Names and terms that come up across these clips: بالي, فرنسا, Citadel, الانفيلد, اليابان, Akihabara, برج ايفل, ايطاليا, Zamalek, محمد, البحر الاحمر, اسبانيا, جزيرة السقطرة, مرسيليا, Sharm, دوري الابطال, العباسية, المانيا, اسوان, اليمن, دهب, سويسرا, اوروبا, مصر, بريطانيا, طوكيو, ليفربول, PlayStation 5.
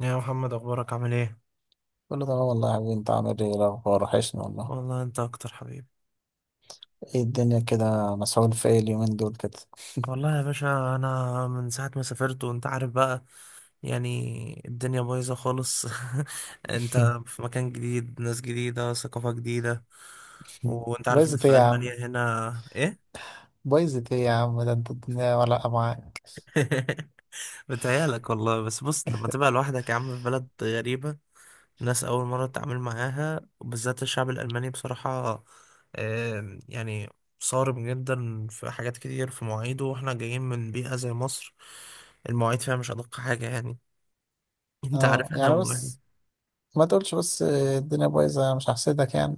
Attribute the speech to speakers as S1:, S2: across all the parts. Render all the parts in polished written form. S1: يا محمد، اخبارك عامل ايه؟
S2: كله تمام والله يا حبيبي، انت عامل ايه؟ إيه الاخبار؟ وحشني والله.
S1: والله انت اكتر حبيبي.
S2: ايه الدنيا كده؟ مسحول في ايه اليومين دول كده؟
S1: والله يا باشا، انا من ساعه ما سافرت وانت عارف بقى، يعني الدنيا بايظه خالص. انت في مكان جديد، ناس جديده، ثقافه جديده. وانت عارف الناس
S2: بايظت ايه
S1: في
S2: يا عم؟
S1: المانيا هنا ايه؟
S2: بايظت ايه يا عم؟ ده انت الدنيا ولا معاك؟
S1: بتهيألك والله، بس بص لما تبقى لوحدك يا عم في بلد غريبه، ناس أول مرة أتعامل معاها، وبالذات الشعب الألماني بصراحة. يعني صارم جدا في حاجات كتير، في مواعيده، واحنا جايين من بيئة زي مصر، المواعيد فيها مش أدق حاجة يعني. انت
S2: اه،
S1: عارف احنا
S2: يعني
S1: م...
S2: بس ما تقولش بس الدنيا بايظه، انا مش هحسدك يعني.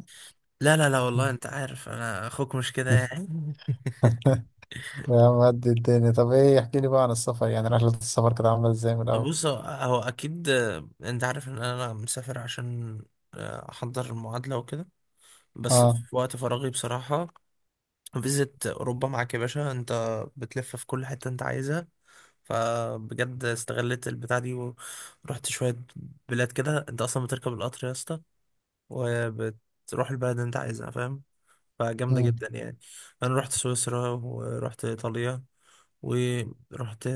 S1: لا لا لا، والله انت عارف انا اخوك مش كده يعني.
S2: يا عم، قد الدنيا. طب ايه، احكي لي بقى عن السفر، يعني رحله السفر كانت عامله ازاي من الاول؟
S1: بص، هو اكيد. انت عارف ان انا مسافر عشان احضر المعادلة وكده، بس
S2: اه.
S1: في وقت فراغي بصراحة. فيزيت أوروبا معاك يا باشا، أنت بتلف في كل حتة أنت عايزها، فبجد استغلت البتاع دي ورحت شوية بلاد كده. انت اصلا بتركب القطر يا اسطى وبتروح البلد اللي انت عايزها، فاهم؟ فجامدة جدا
S2: امم
S1: يعني. انا رحت سويسرا، ورحت ايطاليا، ورحت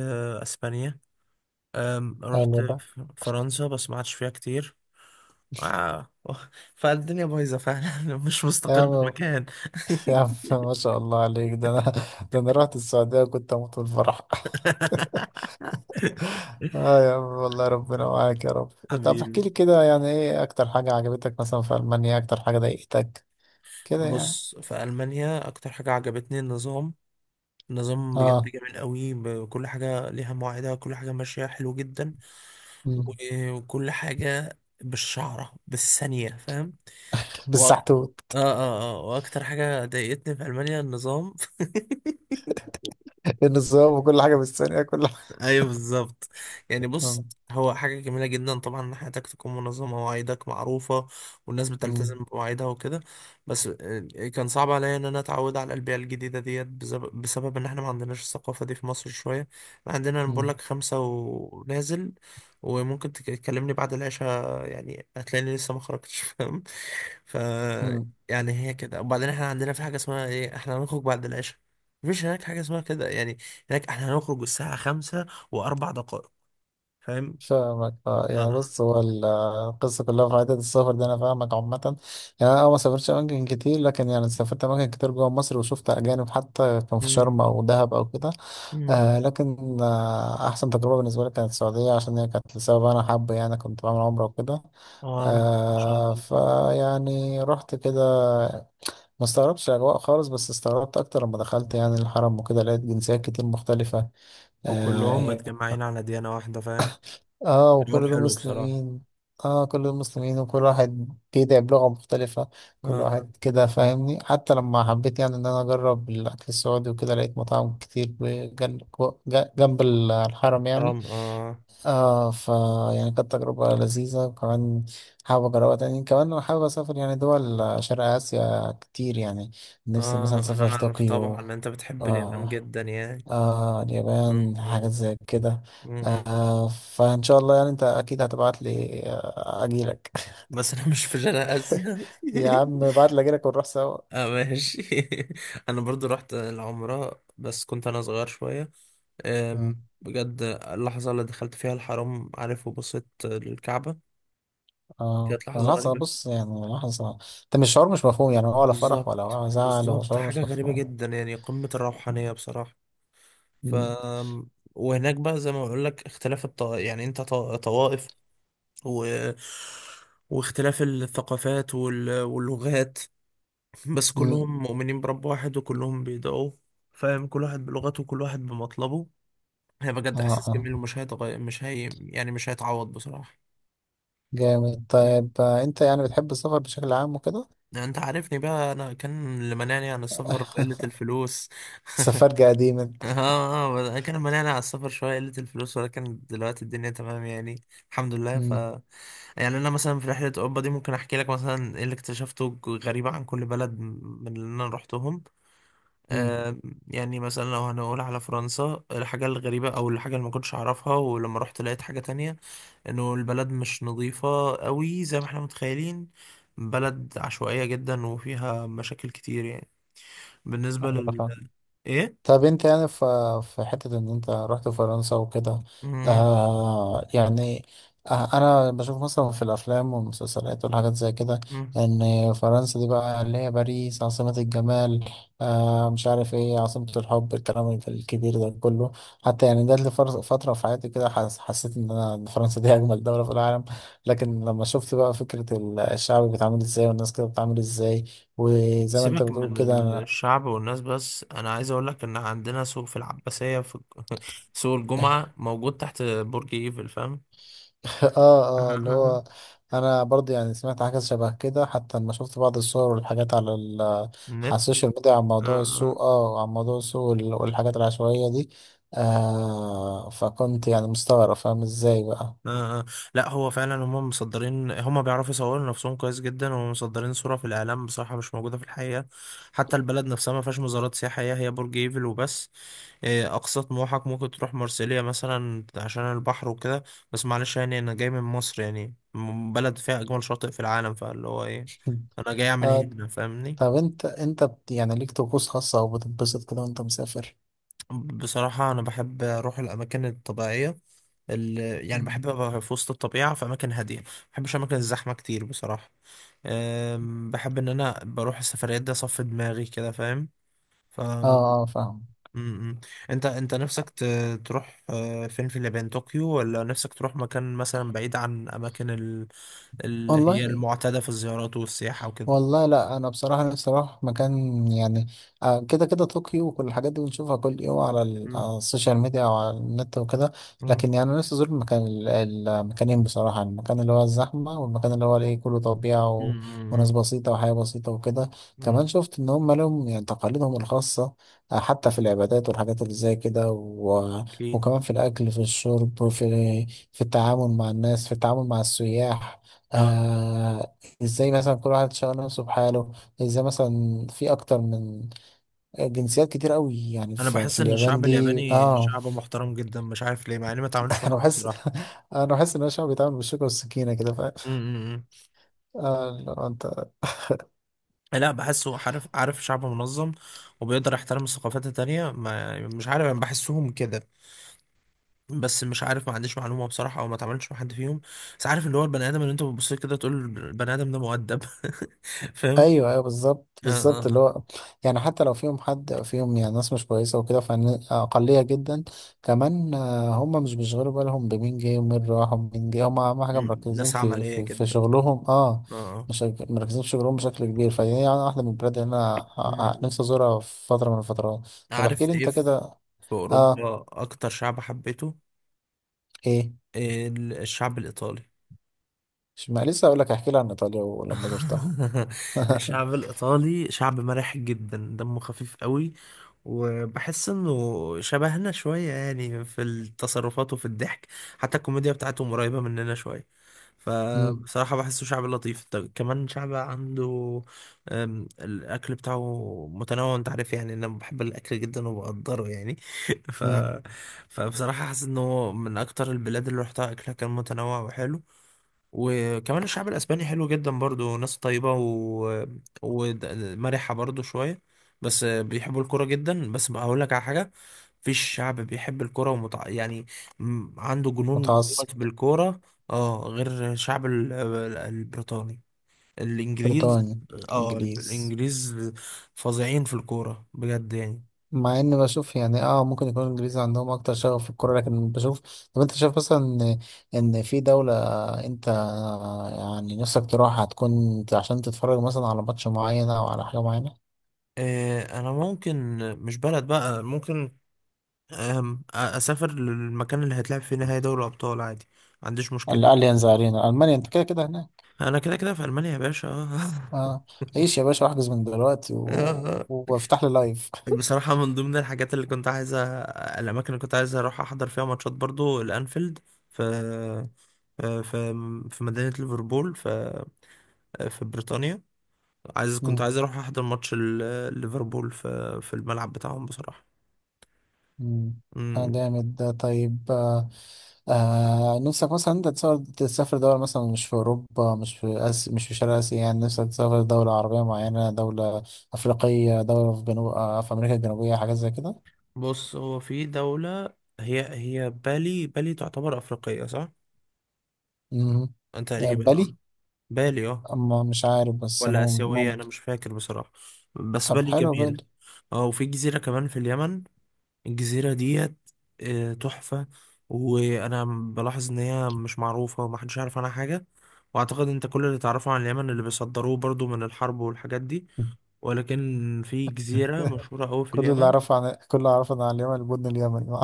S1: اسبانيا، رحت
S2: حلو ده.
S1: فرنسا بس ما عادش فيها كتير. آه. فالدنيا بايظة فعلا مش
S2: يا
S1: مستقر في
S2: عم
S1: مكان
S2: يا عم، ما شاء الله عليك. ده انا رحت السعوديه وكنت اموت من الفرح. اه يا عم، والله ربنا معاك يا رب. طب احكي
S1: حبيبي.
S2: لي كده يعني، ايه اكتر حاجة عجبتك مثلا في المانيا؟ اكتر حاجة ضايقتك كده يعني؟
S1: بص، في ألمانيا أكتر حاجة عجبتني النظام. نظام بجد
S2: اه.
S1: جميل قوي، كل حاجة ليها مواعيدها، كل حاجة ماشية حلو جدا. و-
S2: مم.
S1: وكل حاجة بالشعرة بالثانية، فاهم؟ وأك-
S2: بالسحتوت.
S1: اه واكتر حاجة ضايقتني في ألمانيا النظام.
S2: النظام، وكل حاجة بالثانية، كل حاجة.
S1: ايوه بالظبط. يعني بص،
S2: مم.
S1: هو حاجة جميلة جدا طبعا ان حياتك تكون منظمة ومواعيدك معروفة والناس بتلتزم
S2: مم.
S1: بمواعيدها وكده. بس كان صعب عليا ان انا اتعود على البيئة الجديدة ديت بسبب ان احنا ما عندناش الثقافة دي في مصر شوية. إحنا عندنا، انا بقول
S2: مم.
S1: لك، خمسة ونازل. وممكن تكلمني بعد العشاء، يعني هتلاقيني لسه ما خرجتش فاهم؟ ف
S2: مم.
S1: يعني هي كده. وبعدين احنا عندنا في حاجة اسمها ايه احنا هنخرج بعد العشاء؟ مفيش هناك حاجة اسمها كده يعني. هناك احنا هنخرج الساعة خمسة واربع دقائق، فاهم؟
S2: فاهمك. اه يعني
S1: آه.
S2: بص، هو القصة كلها في عدد السفر ده، انا فاهمك عامة. يعني انا ما سافرتش اماكن كتير، لكن يعني سافرت اماكن كتير جوه مصر، وشفت اجانب حتى، كان في
S1: مم.
S2: شرم او دهب او كده.
S1: مم.
S2: لكن أحسن تجربة بالنسبة لي كانت السعودية، عشان هي كانت لسبب أنا حابه يعني، كنت بعمل عمرة وكده.
S1: اه، ان شاء الله.
S2: فيعني رحت كده. ما استغربتش الأجواء خالص، بس استغربت أكتر لما دخلت يعني الحرم وكده، لقيت جنسيات كتير مختلفة. آه،
S1: وكلهم
S2: يعني.
S1: متجمعين على ديانة واحدة، فاهم؟ حوار
S2: وكل دول
S1: حلو بصراحة.
S2: مسلمين. كل دول مسلمين، وكل واحد بيدعي بلغة مختلفة. كل
S1: اه،
S2: واحد كده فاهمني. حتى لما حبيت يعني إن أنا أجرب الأكل السعودي وكده، لقيت مطاعم كتير جنب الحرم
S1: حرام،
S2: يعني.
S1: اه.
S2: اه، يعني كانت تجربة لذيذة. وكمان حابب أجربها تاني. كمان أنا حابب أسافر يعني دول شرق آسيا كتير يعني. نفسي مثلا
S1: اه، انا
S2: أسافر
S1: اعرف طبعا
S2: طوكيو.
S1: ان انت بتحب اليابان
S2: آه
S1: جدا يعني. مم.
S2: اليابان حاجات زي كده.
S1: مم.
S2: فإن شاء الله يعني أنت أكيد هتبعت لي، أجيلك.
S1: بس انا مش في شرق اسيا.
S2: يا عم، ابعت لي أجيلك ونروح سوا.
S1: اه، ماشي. انا برضو رحت العمرة، بس كنت انا صغير شوية. أم،
S2: مم.
S1: بجد اللحظة اللي دخلت فيها الحرم، عارف، وبصيت للكعبة،
S2: اه،
S1: كانت لحظة
S2: لحظة.
S1: غريبة.
S2: بص يعني، لحظة. ده مش شعور، مش مفهوم يعني، ولا فرح
S1: بالظبط،
S2: ولا زعل، هو
S1: بالظبط،
S2: شعور
S1: حاجة
S2: مش
S1: غريبة
S2: مفهوم.
S1: جدا يعني، قمة الروحانية بصراحة. ف
S2: مم.
S1: وهناك بقى زي ما بقول لك اختلاف الط... يعني انت ط... طوائف، و... واختلاف الثقافات واللغات، بس
S2: مم.
S1: كلهم مؤمنين برب واحد وكلهم بيدعوه، فاهم؟ كل واحد بلغته، وكل واحد بمطلبه. هي
S2: اه
S1: بجد احساس
S2: اه،
S1: جميل ومش هيتغير، مش هي يعني مش هيتعوض بصراحة.
S2: جامد. طيب، انت يعني بتحب السفر بشكل عام وكده؟
S1: يعني انت عارفني بقى، انا كان اللي منعني عن السفر قلة الفلوس.
S2: سفرج قديم انت.
S1: اه، اه، بس كان مليان على السفر شوية قلة الفلوس. ولكن دلوقتي الدنيا تمام يعني، الحمد لله.
S2: مم.
S1: يعني أنا مثلا في رحلة أوروبا دي ممكن أحكي لك مثلا إيه اللي اكتشفته غريبة عن كل بلد من اللي أنا روحتهم.
S2: مم.
S1: آه يعني مثلا لو هنقول على فرنسا، الحاجة الغريبة أو الحاجة اللي ما كنتش أعرفها ولما رحت لقيت حاجة تانية، إنه البلد مش نظيفة قوي زي ما احنا متخيلين. بلد عشوائية جدا وفيها مشاكل كتير يعني. بالنسبة
S2: أيوة، فاهم.
S1: إيه؟
S2: طب انت يعني في حتة ان انت رحت فرنسا وكده. يعني انا بشوف مثلا في الافلام والمسلسلات والحاجات زي كده،
S1: مم.
S2: ان فرنسا دي بقى اللي هي باريس عاصمة الجمال. مش عارف ايه، عاصمة الحب، الكلام الكبير ده كله. حتى يعني ده، اللي فترة في حياتي كده، حسيت ان انا إن فرنسا دي اجمل دولة في العالم. لكن لما شفت بقى فكرة الشعب بيتعامل ازاي، والناس كده بتتعامل ازاي، وزي ما انت
S1: سيبك
S2: بتقول
S1: من
S2: كده.
S1: الشعب والناس، بس انا عايز اقول لك ان عندنا سوق في العباسية في سوق الجمعة موجود تحت برج ايفل، فاهم؟
S2: اه اه، اللي هو، انا برضه يعني سمعت حاجه شبه كده. حتى لما شفت بعض الصور والحاجات على على السوشيال ميديا
S1: النت.
S2: عن موضوع السوق والحاجات العشوائيه دي. فكنت يعني مستغرب، فاهم ازاي بقى؟
S1: آه، آه. لا، هو فعلا هم مصدرين، هم بيعرفوا يصوروا نفسهم كويس جدا، ومصدرين صورة في الإعلام بصراحة مش موجودة في الحقيقة. حتى البلد نفسها ما فيهاش مزارات سياحية، هي برج إيفل وبس. أقصى طموحك ممكن تروح مرسيليا مثلا عشان البحر وكده. بس معلش، يعني أنا جاي من مصر يعني، بلد فيها أجمل شاطئ في العالم، فاللي هو إيه؟ أنا جاي أعمل
S2: آه
S1: هنا، فاهمني؟
S2: طب انت يعني ليك طقوس خاصه او بتتبسط كده وانت مسافر؟
S1: بصراحة أنا بحب أروح الأماكن الطبيعية. ال- يعني
S2: مم.
S1: بحب أبقى في وسط الطبيعة، في أماكن هادية. ما بحبش أماكن الزحمة كتير بصراحة. بحب ان انا بروح السفريات دي اصفي دماغي كده، فاهم؟ ف
S2: اه
S1: م-
S2: اه، فاهم.
S1: م. انت، نفسك تروح فين؟ في اليابان طوكيو، ولا نفسك تروح مكان مثلا بعيد عن اماكن اللي
S2: والله
S1: هي المعتادة في الزيارات والسياحة وكده؟
S2: والله لا، انا بصراحه نفسي اروح مكان يعني. كده كده، طوكيو وكل الحاجات دي بنشوفها كل يوم على
S1: مم.
S2: على السوشيال ميديا او على النت وكده.
S1: مم.
S2: لكن يعني انا نفسي ازور المكانين بصراحه، يعني المكان اللي هو الزحمه، والمكان اللي هو الايه، كله طبيعه وناس
S1: مم.
S2: بسيطه وحياه بسيطه وكده.
S1: مم.
S2: كمان شفت ان هم لهم يعني تقاليدهم الخاصه، حتى في العبادات والحاجات اللي زي كده
S1: اكيد.
S2: وكمان في الاكل، في الشرب، في التعامل مع الناس، في التعامل مع السياح،
S1: اه،
S2: آه، ازاي مثلا كل واحد شغال نفسه بحاله، ازاي مثلا في اكتر من جنسيات كتير قوي، يعني
S1: انا
S2: في
S1: بحس ان
S2: اليابان
S1: الشعب
S2: دي،
S1: الياباني
S2: اه.
S1: شعب محترم جدا، مش عارف ليه، مع اني ما اتعاملتش
S2: انا
S1: معاهم
S2: بحس
S1: بصراحة.
S2: انا بحس ان الشعب بيتعامل بالشوكة والسكينة كده، فاهم؟
S1: مم.
S2: لو انت.
S1: لا، بحسه، عارف، شعب منظم، وبيقدر يحترم الثقافات التانية. ما مش عارف، انا بحسهم كده، بس مش عارف، ما عنديش معلومة بصراحة، او ما اتعاملتش مع حد فيهم. بس عارف اللي هو البني ادم اللي انت بتبص له كده تقول البني ادم ده مؤدب فاهم؟
S2: ايوه ايوه، بالظبط
S1: اه، اه،
S2: بالظبط، اللي
S1: آه.
S2: هو. يعني حتى لو فيهم حد فيهم، يعني ناس مش كويسه وكده، فاقليه جدا. كمان، هم مش بيشغلوا بالهم بمين جه ومين راح ومين جه، هم اهم حاجه
S1: مم.
S2: مركزين
S1: ناس
S2: في
S1: عملية
S2: في, في
S1: جدا.
S2: شغلهم، اه.
S1: اه، آه.
S2: مش مركزين في شغلهم بشكل كبير، فهي يعني واحده من البلاد اللي انا
S1: مم.
S2: نفسي ازورها في فتره من الفترات. طب احكي
S1: عارف
S2: لي
S1: ايه؟
S2: انت
S1: في
S2: كده. اه،
S1: اوروبا اكتر شعب حبيته
S2: ايه؟
S1: الشعب الايطالي.
S2: مش، ما لسه اقول لك، احكي لي عن ايطاليا ولما زرتها.
S1: الشعب الإيطالي شعب مرح جدا، دمه خفيف قوي. وبحس إنه شبهنا شوية يعني، في التصرفات وفي الضحك. حتى الكوميديا بتاعتهم قريبة مننا شوية،
S2: مم،
S1: فبصراحة بحسه شعب لطيف. طب كمان شعب عنده، الأكل بتاعه متنوع. أنت عارف يعني أنا بحب الأكل جدا وبقدره يعني. ف...
S2: مم.
S1: فبصراحة حاسس إنه من أكتر البلاد اللي روحتها أكلها كان متنوع وحلو. وكمان الشعب الاسباني حلو جدا برضو، ناس طيبة ومرحة برضو شوية. بس بيحبوا الكرة جدا. بس بقى هقول لك على حاجة، مفيش شعب بيحب الكرة يعني عنده جنون
S2: متعصب.
S1: وهوس بالكرة، اه، غير الشعب البريطاني، الانجليز.
S2: بريطانيا.
S1: اه،
S2: الانجليز.
S1: الانجليز فظيعين في الكورة بجد يعني.
S2: مع اني بشوف يعني، اه ممكن يكون الانجليز عندهم اكتر شغف في الكوره، لكن بشوف. طب انت شايف مثلا إن في دوله، انت يعني نفسك تروحها هتكون عشان تتفرج مثلا على ماتش معين او على حاجه معينه؟
S1: انا ممكن مش بلد بقى، ممكن اسافر للمكان اللي هيتلعب فيه نهائي دوري الابطال عادي، ما عنديش مشكله.
S2: الاليانز ارينا، المانيا، انت كده كده هناك.
S1: انا كده كده في المانيا يا باشا.
S2: اه، عيش يا باشا واحجز من دلوقتي
S1: آه.
S2: وافتح لي لايف.
S1: بصراحه من ضمن الحاجات اللي كنت عايز الاماكن اللي كنت عايز اروح احضر فيها ماتشات برضو الانفيلد، في في في في مدينه ليفربول، في في بريطانيا. عايز، كنت عايز اروح احضر ماتش ليفربول في الملعب بتاعهم بصراحه.
S2: مم. اه،
S1: أمم.
S2: جامد ده. طيب، نفسك مثلا انت تسافر، دولة مثلا مش في أوروبا، مش في مش في شرق آسيا يعني، نفسك تسافر دولة عربية معينة، دولة أفريقية، دولة في جنوب، في أمريكا الجنوبية، حاجات زي كده؟
S1: بص، هو في دوله، هي بالي. بالي تعتبر افريقيه صح؟
S2: مم. ده
S1: تقريبا
S2: بالي؟
S1: اه. بالي اه.
S2: أما مش عارف بس
S1: ولا آسيوية، أنا
S2: ممكن.
S1: مش فاكر بصراحة، بس
S2: طب
S1: بالي
S2: حلو،
S1: جميل.
S2: بالي.
S1: اه، وفي جزيرة كمان في اليمن. الجزيرة ديت تحفة. وأنا بلاحظ إن هي مش معروفة ومحدش يعرف عنها حاجة، وأعتقد أنت كل اللي تعرفه عن اليمن اللي بيصدروه برضو من الحرب والحاجات دي. ولكن في جزيرة مشهورة أوي في اليمن.
S2: كل اللي أعرفه عن اليمن، البن اليمني.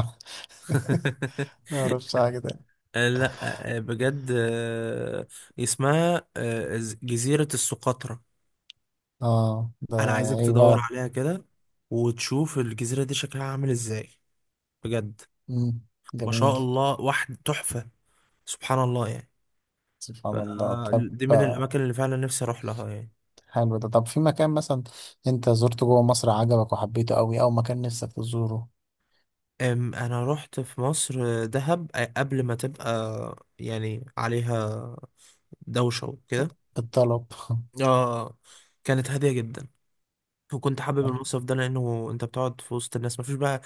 S2: ما أعرفش حاجة تاني.
S1: لأ، بجد، اسمها جزيرة السقطرة.
S2: اه، ده
S1: انا عايزك
S2: إيه
S1: تدور
S2: بقى؟
S1: عليها كده، وتشوف الجزيرة دي شكلها عامل ازاي، بجد.
S2: مم.
S1: ما شاء
S2: جميل،
S1: الله، واحد تحفة، سبحان الله يعني. ف-
S2: سبحان الله. طب،
S1: دي من
S2: آه،
S1: الاماكن اللي فعلا نفسي اروح لها يعني.
S2: حلو ده. طب في مكان مثلا انت زرته جوه مصر عجبك وحبيته قوي، او مكان نفسك تزوره؟
S1: انا رحت في مصر دهب قبل ما تبقى يعني عليها دوشة وكده،
S2: بالطلب.
S1: اه. كانت هادية جدا، وكنت حابب المصيف ده لانه انت بتقعد في وسط الناس، مفيش بقى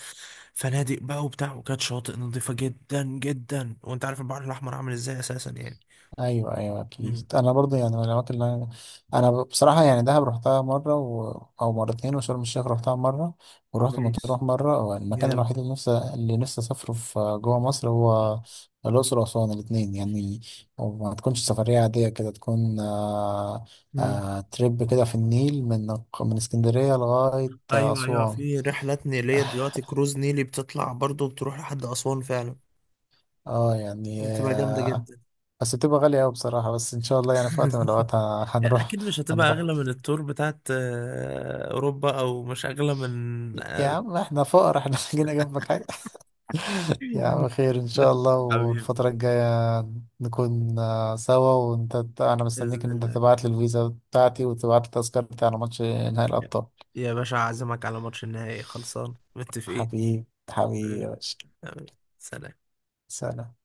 S1: فنادق بقى وبتاع، وكانت شواطئ نظيفة جدا جدا، وانت عارف البحر الاحمر عامل ازاي اساسا يعني.
S2: ايوه ايوه،
S1: مم.
S2: اكيد. انا برضو يعني من الاماكن اللي انا، انا بصراحه يعني دهب رحتها مره او مرتين، وشرم الشيخ رحتها مره، ورحت
S1: كويس،
S2: مطروح مره. والمكان
S1: جامد.
S2: الوحيد اللي نفسي اسافره في جوه مصر هو الاقصر واسوان، الاثنين يعني. وما تكونش سفريه عاديه كده، تكون
S1: مم.
S2: تريب كده في النيل، من اسكندريه لغايه
S1: ايوه، ايوه،
S2: اسوان.
S1: في رحلات نيليه دلوقتي، كروز نيلي بتطلع برضه بتروح لحد اسوان فعلا،
S2: اه يعني،
S1: بتبقى جامده جدا.
S2: بس بتبقى غالية أوي بصراحة. بس إن شاء الله يعني في وقت من الأوقات
S1: يعني
S2: هنروح.
S1: اكيد مش هتبقى
S2: هنروح
S1: اغلى من التور بتاعت اوروبا، او مش اغلى من
S2: يا عم، احنا فقراء احنا. جينا جنبك حاجة. يا عم، خير إن شاء الله.
S1: حبيبي.
S2: والفترة الجاية نكون سوا. وأنت أنا مستنيك
S1: باذن
S2: إن أنت
S1: الله،
S2: تبعت لي الفيزا بتاعتي وتبعت لي التذكرة بتاعنا ماتش نهائي الأبطال.
S1: يا باشا اعزمك على ماتش النهائي، خلصان، متفقين.
S2: حبيبي يا
S1: حبيبي.
S2: باشا،
S1: حبيبي. سلام.
S2: سلام.